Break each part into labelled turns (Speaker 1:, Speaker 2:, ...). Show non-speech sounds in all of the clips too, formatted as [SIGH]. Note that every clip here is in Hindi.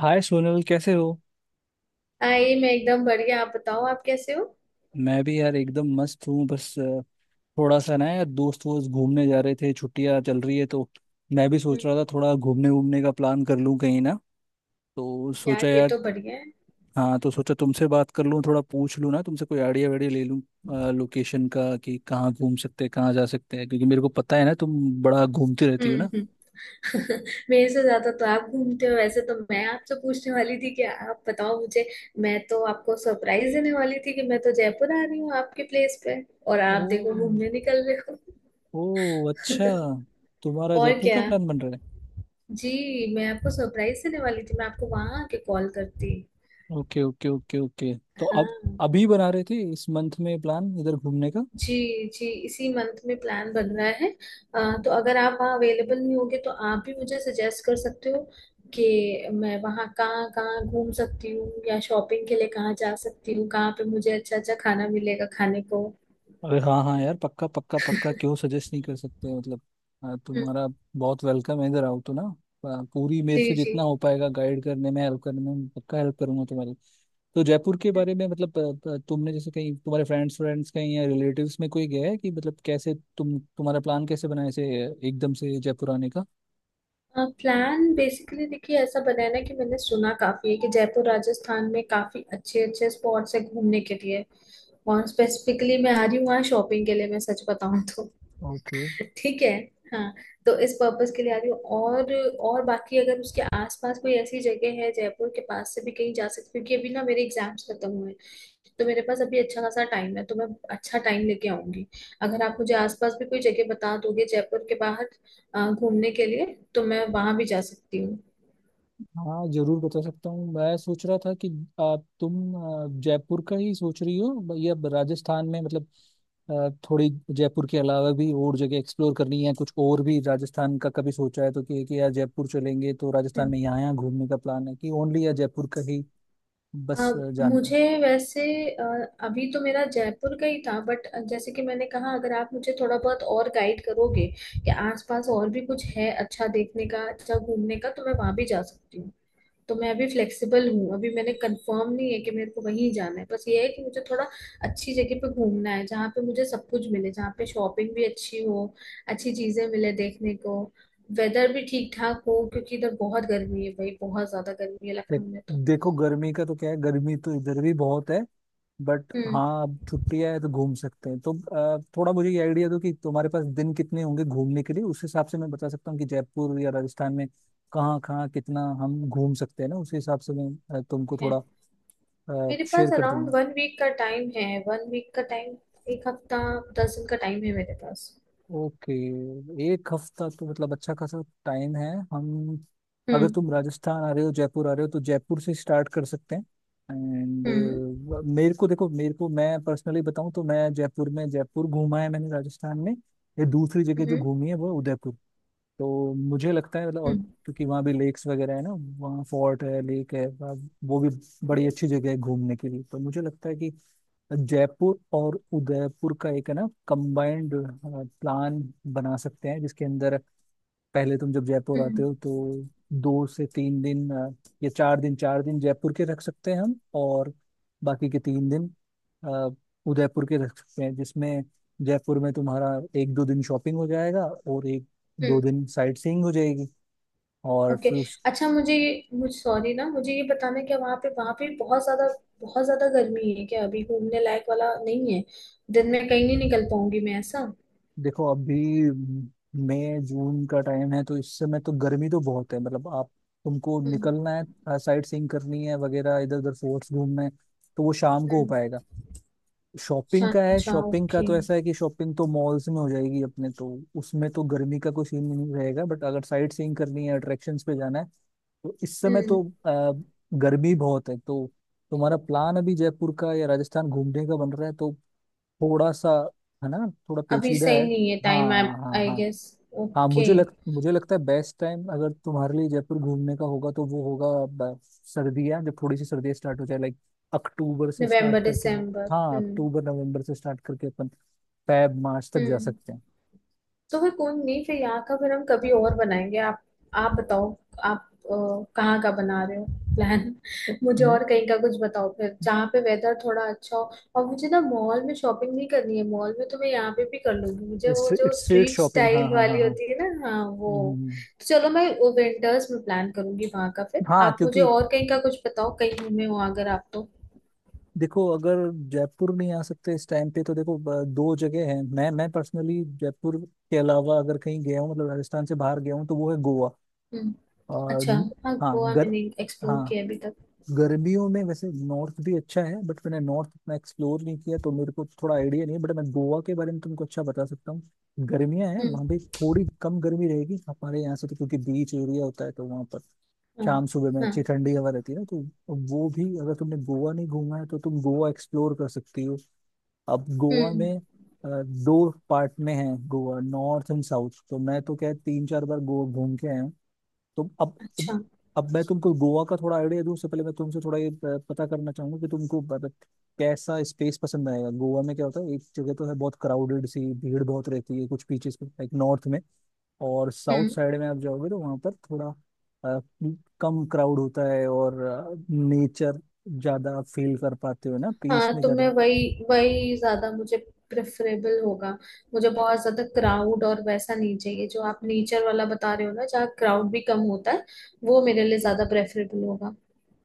Speaker 1: हाय सोनल कैसे हो।
Speaker 2: आई, मैं एकदम बढ़िया। आप बताओ आप कैसे हो।
Speaker 1: मैं भी यार एकदम मस्त हूँ। बस थोड़ा सा ना यार दोस्त वोस्त घूमने जा रहे थे, छुट्टियाँ चल रही है तो मैं भी सोच
Speaker 2: हम्म।
Speaker 1: रहा था थोड़ा घूमने घूमने का प्लान कर लूँ कहीं ना, तो सोचा
Speaker 2: यार ये
Speaker 1: यार।
Speaker 2: तो बढ़िया है।
Speaker 1: हाँ तो सोचा तुमसे बात कर लूँ, थोड़ा पूछ लूँ ना तुमसे, कोई आइडिया वाइडिया ले लूँ लोकेशन का कि कहाँ घूम सकते हैं कहाँ जा सकते हैं, क्योंकि मेरे को पता है ना तुम बड़ा घूमती रहती
Speaker 2: हम्म,
Speaker 1: हो ना।
Speaker 2: हम्म। [LAUGHS] मेरे से ज्यादा तो आप घूमते हो, वैसे तो मैं आपसे पूछने वाली थी कि आप बताओ मुझे। मैं तो आपको सरप्राइज देने वाली थी कि मैं तो जयपुर आ रही हूँ आपके प्लेस पे, और
Speaker 1: ओ।
Speaker 2: आप देखो घूमने निकल रहे हो।
Speaker 1: ओ अच्छा, तुम्हारा
Speaker 2: और
Speaker 1: जयपुर
Speaker 2: क्या।
Speaker 1: का प्लान बन रहा है।
Speaker 2: जी। मैं आपको सरप्राइज देने वाली थी, मैं आपको वहां आके कॉल करती।
Speaker 1: ओके ओके ओके ओके, तो अब
Speaker 2: हाँ।
Speaker 1: अभी बना रहे थे इस मंथ में प्लान इधर घूमने का।
Speaker 2: जी। जी, इसी मंथ में प्लान बन रहा है। तो अगर आप वहाँ अवेलेबल नहीं होंगे तो आप भी मुझे सजेस्ट कर सकते हो कि मैं वहाँ कहाँ कहाँ घूम सकती हूँ, या शॉपिंग के लिए कहाँ जा सकती हूँ, कहाँ पे मुझे अच्छा अच्छा खाना मिलेगा खाने को।
Speaker 1: अरे हाँ हाँ यार, पक्का पक्का पक्का, क्यों सजेस्ट नहीं कर सकते। मतलब
Speaker 2: हम्म।
Speaker 1: तुम्हारा बहुत वेलकम है, इधर आओ तो ना। पूरी मेरे
Speaker 2: जी,
Speaker 1: से
Speaker 2: जी।
Speaker 1: जितना हो पाएगा गाइड करने में हेल्प करने में पक्का हेल्प करूंगा तुम्हारी। तो जयपुर के बारे में मतलब तुमने जैसे कहीं तुम्हारे फ्रेंड्स फ्रेंड्स कहीं या रिलेटिव्स में कोई गया है कि मतलब कैसे तुम्हारा प्लान कैसे बनाए से एकदम से जयपुर आने का।
Speaker 2: प्लान बेसिकली देखिए ऐसा बना है ना, कि मैंने सुना काफी है कि जयपुर राजस्थान में काफी अच्छे अच्छे स्पॉट्स है घूमने के लिए, और स्पेसिफिकली मैं आ रही हूँ वहाँ शॉपिंग के लिए, मैं सच बताऊँ तो।
Speaker 1: ओके,
Speaker 2: ठीक है। हाँ। तो इस पर्पस के लिए आ रही हूँ, और बाकी अगर उसके आसपास कोई ऐसी जगह है जयपुर के पास से भी कहीं जा सकती हूँ, क्योंकि अभी ना मेरे एग्जाम्स खत्म हुए हैं, तो मेरे पास अभी अच्छा खासा टाइम है, तो मैं अच्छा टाइम लेके आऊंगी। अगर आप मुझे आसपास भी कोई जगह बता दोगे जयपुर के बाहर घूमने के लिए, तो मैं वहां भी जा सकती हूँ।
Speaker 1: हाँ जरूर बता सकता हूँ। मैं सोच रहा था कि आप तुम जयपुर का ही सोच रही हो या राजस्थान में मतलब थोड़ी जयपुर के अलावा भी और जगह एक्सप्लोर करनी है, कुछ और भी राजस्थान का कभी सोचा है तो कि यार जयपुर चलेंगे तो राजस्थान में
Speaker 2: हम्म।
Speaker 1: यहाँ यहाँ घूमने का प्लान है कि, ओनली या जयपुर का ही
Speaker 2: अ,
Speaker 1: बस जाना है।
Speaker 2: मुझे वैसे अ, अभी तो मेरा जयपुर का ही था, बट जैसे कि मैंने कहा, अगर आप मुझे थोड़ा बहुत और गाइड करोगे कि आसपास और भी कुछ है अच्छा देखने का, अच्छा घूमने का, तो मैं वहां भी जा सकती हूँ। तो मैं अभी फ्लेक्सिबल हूँ, अभी मैंने कंफर्म नहीं है कि मेरे को वहीं जाना है, बस ये है कि मुझे थोड़ा अच्छी जगह पे घूमना है, जहाँ पे मुझे सब कुछ मिले, जहाँ पे शॉपिंग भी अच्छी हो, अच्छी चीजें मिले देखने को। वेदर भी ठीक ठाक हो, क्योंकि इधर बहुत गर्मी है भाई, बहुत ज्यादा गर्मी है
Speaker 1: दे,
Speaker 2: लखनऊ में तो।
Speaker 1: देखो गर्मी का तो क्या है, गर्मी तो इधर भी बहुत है। बट
Speaker 2: हम्म।
Speaker 1: हाँ, अब छुट्टियां है तो घूम सकते हैं तो थोड़ा मुझे ये आइडिया दो कि तुम्हारे पास दिन कितने होंगे घूमने के लिए, उस हिसाब से मैं बता सकता हूँ कि जयपुर या राजस्थान में कहाँ कहाँ कितना हम घूम सकते हैं ना। उस हिसाब से मैं तुमको
Speaker 2: है।
Speaker 1: थोड़ा
Speaker 2: मेरे
Speaker 1: शेयर
Speaker 2: पास
Speaker 1: कर
Speaker 2: अराउंड
Speaker 1: दूंगा।
Speaker 2: वन वीक का टाइम है, वन वीक का टाइम, एक हफ्ता, दस दिन का टाइम है मेरे पास।
Speaker 1: ओके, एक हफ्ता तो मतलब अच्छा खासा टाइम है। हम, अगर
Speaker 2: हम्म,
Speaker 1: तुम राजस्थान आ रहे हो जयपुर आ रहे हो तो जयपुर से स्टार्ट कर सकते हैं एंड
Speaker 2: हम्म,
Speaker 1: मेरे को मैं पर्सनली बताऊं तो मैं जयपुर में, जयपुर घूमा है मैंने राजस्थान में। ये दूसरी जगह जो
Speaker 2: हम्म,
Speaker 1: घूमी है वो है उदयपुर। तो मुझे लगता है मतलब, और
Speaker 2: हम्म,
Speaker 1: क्योंकि वहाँ भी लेक्स वगैरह है ना, वहाँ फोर्ट है, लेक है, वो भी बड़ी अच्छी जगह है घूमने के लिए। तो मुझे लगता है कि जयपुर और उदयपुर का एक है ना कंबाइंड प्लान बना सकते हैं, जिसके अंदर पहले तुम जब जयपुर आते
Speaker 2: हम्म,
Speaker 1: हो तो दो से तीन दिन चार दिन जयपुर के रख सकते हैं हम, और बाकी के तीन दिन अ, उदयपुर के रख सकते हैं, जिसमें जयपुर में तुम्हारा एक दो दिन शॉपिंग हो जाएगा और एक दो
Speaker 2: हम्म।
Speaker 1: दिन साइट सीइंग हो जाएगी। और
Speaker 2: ओके।
Speaker 1: फिर
Speaker 2: अच्छा, मुझे सॉरी ना, मुझे ये बताना है, क्या वहाँ पे बहुत ज्यादा गर्मी है, क्या अभी घूमने लायक वाला नहीं है? दिन में कहीं नहीं निकल पाऊंगी मैं ऐसा?
Speaker 1: देखो अभी मई जून का टाइम है तो इस समय तो गर्मी तो बहुत है। मतलब आप तुमको
Speaker 2: हम्म,
Speaker 1: निकलना है, साइट सीइंग करनी है वगैरह, इधर उधर फोर्ट्स घूमना है तो वो शाम को हो
Speaker 2: हम्म।
Speaker 1: पाएगा। शॉपिंग
Speaker 2: अच्छा,
Speaker 1: का है,
Speaker 2: अच्छा,
Speaker 1: शॉपिंग का
Speaker 2: ओके।
Speaker 1: तो ऐसा है कि शॉपिंग तो मॉल्स में हो जाएगी अपने, तो उसमें तो गर्मी का कोई सीन नहीं रहेगा। बट अगर साइट सीइंग करनी है, अट्रैक्शंस पे जाना है, तो इस समय
Speaker 2: हम्म।
Speaker 1: तो गर्मी बहुत है। तो तुम्हारा प्लान अभी जयपुर का या राजस्थान घूमने का बन रहा है तो थोड़ा सा है ना, थोड़ा
Speaker 2: अभी
Speaker 1: पेचीदा
Speaker 2: सही
Speaker 1: है।
Speaker 2: नहीं है
Speaker 1: हाँ
Speaker 2: टाइम, आई
Speaker 1: हाँ
Speaker 2: आई
Speaker 1: हाँ
Speaker 2: गेस।
Speaker 1: हाँ,
Speaker 2: ओके।
Speaker 1: मुझे लगता है बेस्ट टाइम अगर तुम्हारे लिए जयपुर घूमने का होगा तो वो होगा सर्दियाँ, जब थोड़ी सी सर्दियाँ स्टार्ट हो जाए, लाइक अक्टूबर से स्टार्ट
Speaker 2: नवंबर
Speaker 1: करके।
Speaker 2: दिसंबर।
Speaker 1: हाँ,
Speaker 2: हम्म,
Speaker 1: अक्टूबर नवंबर से स्टार्ट करके अपन फैब मार्च तक जा
Speaker 2: हम्म।
Speaker 1: सकते हैं।
Speaker 2: तो फिर कोई नहीं, फिर यहाँ का फिर हम कभी और बनाएंगे। आप बताओ आप कहाँ का बना रहे हो प्लान? [LAUGHS] मुझे
Speaker 1: हम्म,
Speaker 2: और कहीं का कुछ बताओ फिर, जहाँ पे वेदर थोड़ा अच्छा हो। और मुझे ना मॉल में शॉपिंग नहीं करनी है, मॉल में तो मैं यहाँ पे भी कर लूंगी, मुझे वो
Speaker 1: स्ट्रीट
Speaker 2: जो
Speaker 1: स्ट्रीट
Speaker 2: स्ट्रीट
Speaker 1: शॉपिंग, हाँ
Speaker 2: स्टाइल
Speaker 1: हाँ हाँ
Speaker 2: वाली
Speaker 1: हाँ।
Speaker 2: होती है ना, हाँ वो।
Speaker 1: हम्म, हम्म,
Speaker 2: तो चलो, मैं वो विंटर्स में प्लान करूंगी वहाँ का, फिर
Speaker 1: हाँ,
Speaker 2: आप मुझे
Speaker 1: क्योंकि
Speaker 2: और कहीं का कुछ बताओ, कहीं घूमे हो अगर आप तो।
Speaker 1: देखो अगर जयपुर नहीं आ सकते इस टाइम पे तो देखो दो जगह है। मैं पर्सनली जयपुर के अलावा अगर कहीं गया हूँ मतलब राजस्थान से बाहर गया हूँ तो वो है गोवा
Speaker 2: हम्म।
Speaker 1: और
Speaker 2: अच्छा। हाँ,
Speaker 1: हाँ
Speaker 2: गोवा
Speaker 1: गर
Speaker 2: मैंने एक्सप्लोर
Speaker 1: हाँ,
Speaker 2: किया अभी तक।
Speaker 1: गर्मियों में वैसे नॉर्थ भी अच्छा है बट मैंने नॉर्थ इतना एक्सप्लोर नहीं किया तो मेरे को थोड़ा आइडिया नहीं है, बट मैं गोवा के बारे में तुमको अच्छा बता सकता हूँ। गर्मियाँ हैं,
Speaker 2: हम्म।
Speaker 1: वहाँ भी थोड़ी कम गर्मी रहेगी हमारे यहाँ से, तो क्योंकि बीच एरिया होता है तो वहाँ पर
Speaker 2: हाँ,
Speaker 1: शाम सुबह में
Speaker 2: हाँ।
Speaker 1: अच्छी ठंडी हवा रहती है ना, तो वो भी अगर तुमने गोवा नहीं घूमा है तो तुम गोवा एक्सप्लोर कर सकती हो। अब गोवा
Speaker 2: हम्म।
Speaker 1: में दो पार्ट में है गोवा, नॉर्थ एंड साउथ। तो मैं तो क्या तीन चार बार गोवा घूम के आया हूँ, तो
Speaker 2: अच्छा।
Speaker 1: अब मैं तुमको गोवा का थोड़ा आइडिया दूं उससे पहले मैं तुमसे थोड़ा ये पता करना चाहूंगा कि तुमको मतलब कैसा स्पेस पसंद आएगा। गोवा में क्या होता है, एक जगह तो है बहुत क्राउडेड सी, भीड़ बहुत रहती है कुछ बीचेस पे लाइक नॉर्थ में, और साउथ
Speaker 2: हम्म।
Speaker 1: साइड में आप जाओगे तो वहाँ पर थोड़ा अ, कम क्राउड होता है और नेचर ज़्यादा फील कर पाते हो ना, पीस
Speaker 2: हाँ,
Speaker 1: में
Speaker 2: तो मैं
Speaker 1: ज़्यादा।
Speaker 2: वही वही ज्यादा मुझे प्रेफरेबल होगा। मुझे बहुत ज्यादा क्राउड और वैसा नहीं चाहिए, जो आप नेचर वाला बता रहे हो ना, जहाँ क्राउड भी कम होता है, वो मेरे लिए ज्यादा प्रेफरेबल होगा।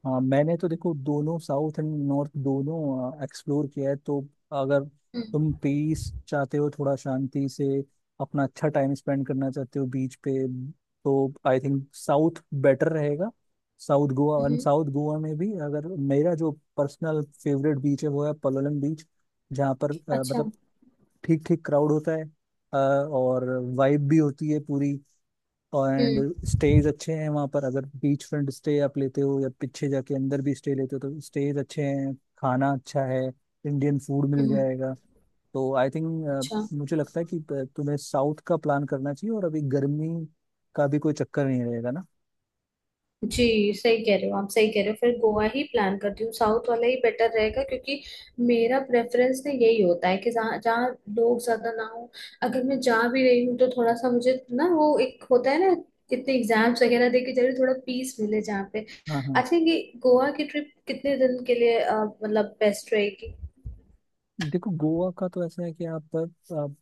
Speaker 1: हाँ मैंने तो देखो दोनों साउथ एंड नॉर्थ दोनों एक्सप्लोर किया है तो अगर तुम
Speaker 2: हम्म,
Speaker 1: पीस चाहते हो, थोड़ा शांति से अपना अच्छा टाइम स्पेंड करना चाहते हो बीच पे, तो आई थिंक साउथ बेटर रहेगा। South Goa and
Speaker 2: hmm.
Speaker 1: South Goa में भी अगर मेरा जो पर्सनल फेवरेट बीच है वो है पलोलम बीच, जहाँ पर
Speaker 2: अच्छा।
Speaker 1: मतलब ठीक ठीक क्राउड होता है और वाइब भी होती है पूरी एंड
Speaker 2: हम्म,
Speaker 1: स्टेज अच्छे हैं वहाँ पर। अगर बीच फ्रंट स्टे आप लेते हो या पीछे जाके अंदर भी स्टे लेते हो तो स्टेज अच्छे हैं, खाना अच्छा है, इंडियन फूड मिल
Speaker 2: हम्म।
Speaker 1: जाएगा। तो आई थिंक,
Speaker 2: अच्छा।
Speaker 1: मुझे लगता है कि तुम्हें साउथ का प्लान करना चाहिए और अभी गर्मी का भी कोई चक्कर नहीं रहेगा ना।
Speaker 2: जी, सही कह रहे हो आप, सही कह रहे हो, फिर गोवा ही प्लान करती हूँ, साउथ वाला ही बेटर रहेगा, क्योंकि मेरा प्रेफरेंस ना यही होता है कि जहाँ जहाँ लोग ज्यादा ना हो, अगर मैं जा भी रही हूँ तो थोड़ा सा मुझे, ना वो एक होता है ना, इतने एग्जाम्स वगैरह दे के जरूर थोड़ा पीस मिले जहाँ पे।
Speaker 1: हाँ हाँ
Speaker 2: अच्छा, ये गोवा की ट्रिप कितने दिन के लिए मतलब बेस्ट रहेगी?
Speaker 1: देखो गोवा का तो ऐसा है कि आप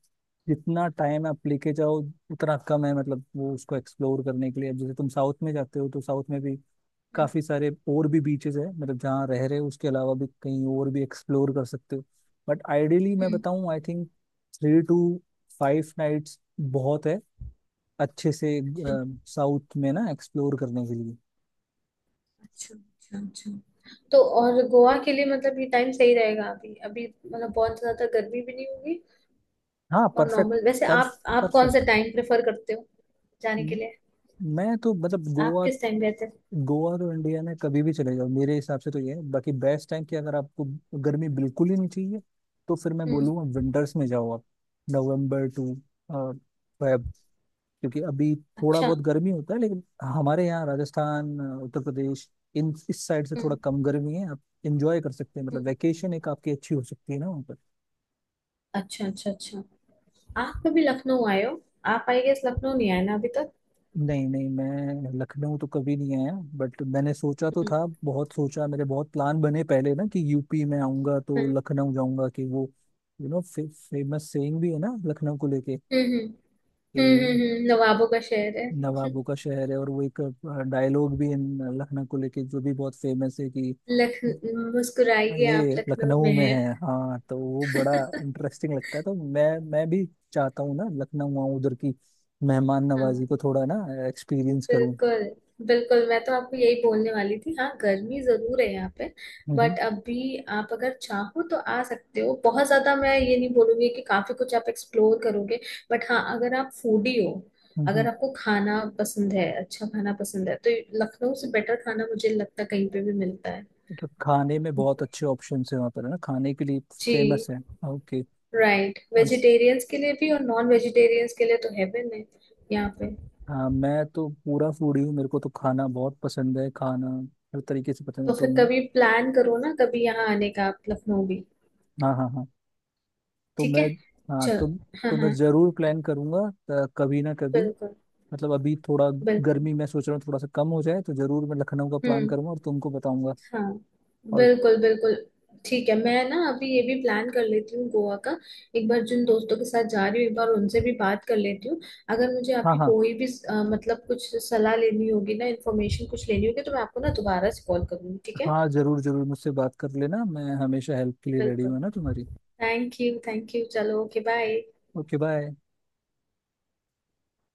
Speaker 1: जितना टाइम आप लेके जाओ उतना कम है, मतलब वो उसको एक्सप्लोर करने के लिए। अब जैसे तुम साउथ में जाते हो तो साउथ में भी काफी सारे और भी बीचेस है मतलब, जहाँ रह रहे हो उसके अलावा भी कहीं और भी एक्सप्लोर कर सकते हो। बट आइडियली मैं
Speaker 2: हम्म,
Speaker 1: बताऊं I think three to five nights बहुत है अच्छे से
Speaker 2: हम्म।
Speaker 1: साउथ में ना एक्सप्लोर करने के लिए।
Speaker 2: अच्छा, अच्छा, अच्छा, अच्छा। तो और गोवा के लिए मतलब ये टाइम सही रहेगा अभी, अभी मतलब बहुत ज्यादा गर्मी भी नहीं होगी?
Speaker 1: हाँ
Speaker 2: और
Speaker 1: परफेक्ट,
Speaker 2: नॉर्मल वैसे
Speaker 1: परफ
Speaker 2: आप कौन सा
Speaker 1: परफेक्ट।
Speaker 2: टाइम प्रेफर करते हो जाने के लिए?
Speaker 1: मैं तो मतलब
Speaker 2: आप
Speaker 1: गोवा,
Speaker 2: किस टाइम गए थे?
Speaker 1: गोवा तो इंडिया में कभी भी चले जाओ मेरे हिसाब से, तो ये है बाकी बेस्ट टाइम कि अगर आपको गर्मी बिल्कुल ही नहीं चाहिए तो फिर मैं
Speaker 2: हम्म।
Speaker 1: बोलूँगा विंटर्स में जाओ आप, नवंबर टू फेब। क्योंकि अभी थोड़ा
Speaker 2: अच्छा।
Speaker 1: बहुत गर्मी होता है लेकिन हमारे यहाँ राजस्थान उत्तर प्रदेश इन इस साइड से थोड़ा
Speaker 2: हम्म,
Speaker 1: कम गर्मी है, आप इंजॉय कर सकते हैं। मतलब
Speaker 2: हम्म।
Speaker 1: वैकेशन एक आपकी अच्छी हो सकती है ना।
Speaker 2: अच्छा, अच्छा, अच्छा। आप कभी लखनऊ आए हो? आप आई गेस लखनऊ नहीं आए ना अभी तक?
Speaker 1: नहीं नहीं, मैं लखनऊ तो कभी नहीं आया बट मैंने सोचा तो
Speaker 2: हम्म,
Speaker 1: था। बहुत सोचा, मेरे बहुत प्लान बने पहले ना कि यूपी में आऊंगा तो
Speaker 2: हम्म,
Speaker 1: लखनऊ जाऊंगा। कि वो यू नो फेमस सेइंग भी है ना लखनऊ को लेके
Speaker 2: हम्म, हम्म,
Speaker 1: कि
Speaker 2: हम्म। नवाबों का शहर है।
Speaker 1: नवाबों का शहर है। और वो एक डायलॉग भी है लखनऊ को लेके जो भी बहुत फेमस है कि
Speaker 2: लख मुस्कुराइए, आप
Speaker 1: ये
Speaker 2: लखनऊ
Speaker 1: लखनऊ
Speaker 2: में
Speaker 1: में
Speaker 2: हैं।
Speaker 1: है। हाँ तो वो बड़ा
Speaker 2: [LAUGHS]
Speaker 1: इंटरेस्टिंग लगता है, तो मैं भी चाहता हूँ ना लखनऊ आऊँ, उधर की मेहमान नवाजी
Speaker 2: हाँ,
Speaker 1: को थोड़ा ना एक्सपीरियंस करूँ।
Speaker 2: बिल्कुल बिल्कुल, मैं तो आपको यही बोलने वाली थी, हाँ गर्मी जरूर है यहाँ पे,
Speaker 1: हम्म
Speaker 2: बट अभी आप अगर चाहो तो आ सकते हो, बहुत ज्यादा मैं ये नहीं बोलूंगी कि काफी कुछ आप एक्सप्लोर करोगे, बट हाँ अगर आप फूडी हो,
Speaker 1: हम्म
Speaker 2: अगर
Speaker 1: हम्म।
Speaker 2: आपको खाना पसंद है, अच्छा खाना पसंद है, तो लखनऊ से बेटर खाना मुझे लगता है कहीं पे भी मिलता है।
Speaker 1: मतलब खाने में बहुत अच्छे ऑप्शन है वहाँ पर है ना, खाने के लिए
Speaker 2: जी।
Speaker 1: फेमस है। Okay,
Speaker 2: right.
Speaker 1: और स-
Speaker 2: वेजिटेरियंस के लिए भी और नॉन वेजिटेरियंस के लिए तो हेवन है यहाँ पे।
Speaker 1: हाँ मैं तो पूरा फूडी हूँ, मेरे को तो खाना बहुत पसंद है, खाना हर तरीके से पसंद है
Speaker 2: तो
Speaker 1: तो।
Speaker 2: फिर कभी प्लान करो ना कभी यहाँ आने का, आप लखनऊ भी।
Speaker 1: हाँ हाँ हाँ, तो
Speaker 2: ठीक
Speaker 1: मैं
Speaker 2: है।
Speaker 1: हाँ
Speaker 2: चलो। हाँ,
Speaker 1: तो मैं
Speaker 2: हाँ,
Speaker 1: जरूर प्लान करूंगा कभी ना कभी।
Speaker 2: बिल्कुल
Speaker 1: मतलब अभी थोड़ा
Speaker 2: बिल्कुल।
Speaker 1: गर्मी मैं सोच रहा हूँ थोड़ा सा कम हो जाए तो जरूर मैं लखनऊ का प्लान
Speaker 2: हम्म।
Speaker 1: करूंगा और तुमको बताऊंगा।
Speaker 2: हाँ,
Speaker 1: और
Speaker 2: बिल्कुल बिल्कुल। ठीक है, मैं ना अभी ये भी प्लान कर लेती हूँ गोवा का, एक बार जिन दोस्तों के साथ जा रही हूँ एक बार उनसे भी बात कर लेती हूँ। अगर मुझे
Speaker 1: हाँ
Speaker 2: आपकी
Speaker 1: हाँ,
Speaker 2: कोई भी मतलब कुछ सलाह लेनी होगी ना, इन्फॉर्मेशन कुछ लेनी होगी, तो मैं आपको ना दोबारा से कॉल करूँगी, ठीक है?
Speaker 1: हाँ जरूर जरूर मुझसे बात कर लेना, मैं हमेशा हेल्प के लिए रेडी हूँ
Speaker 2: बिल्कुल।
Speaker 1: है ना तुम्हारी।
Speaker 2: Thank you, thank you. चलो, ओके। बाय।
Speaker 1: Okay bye.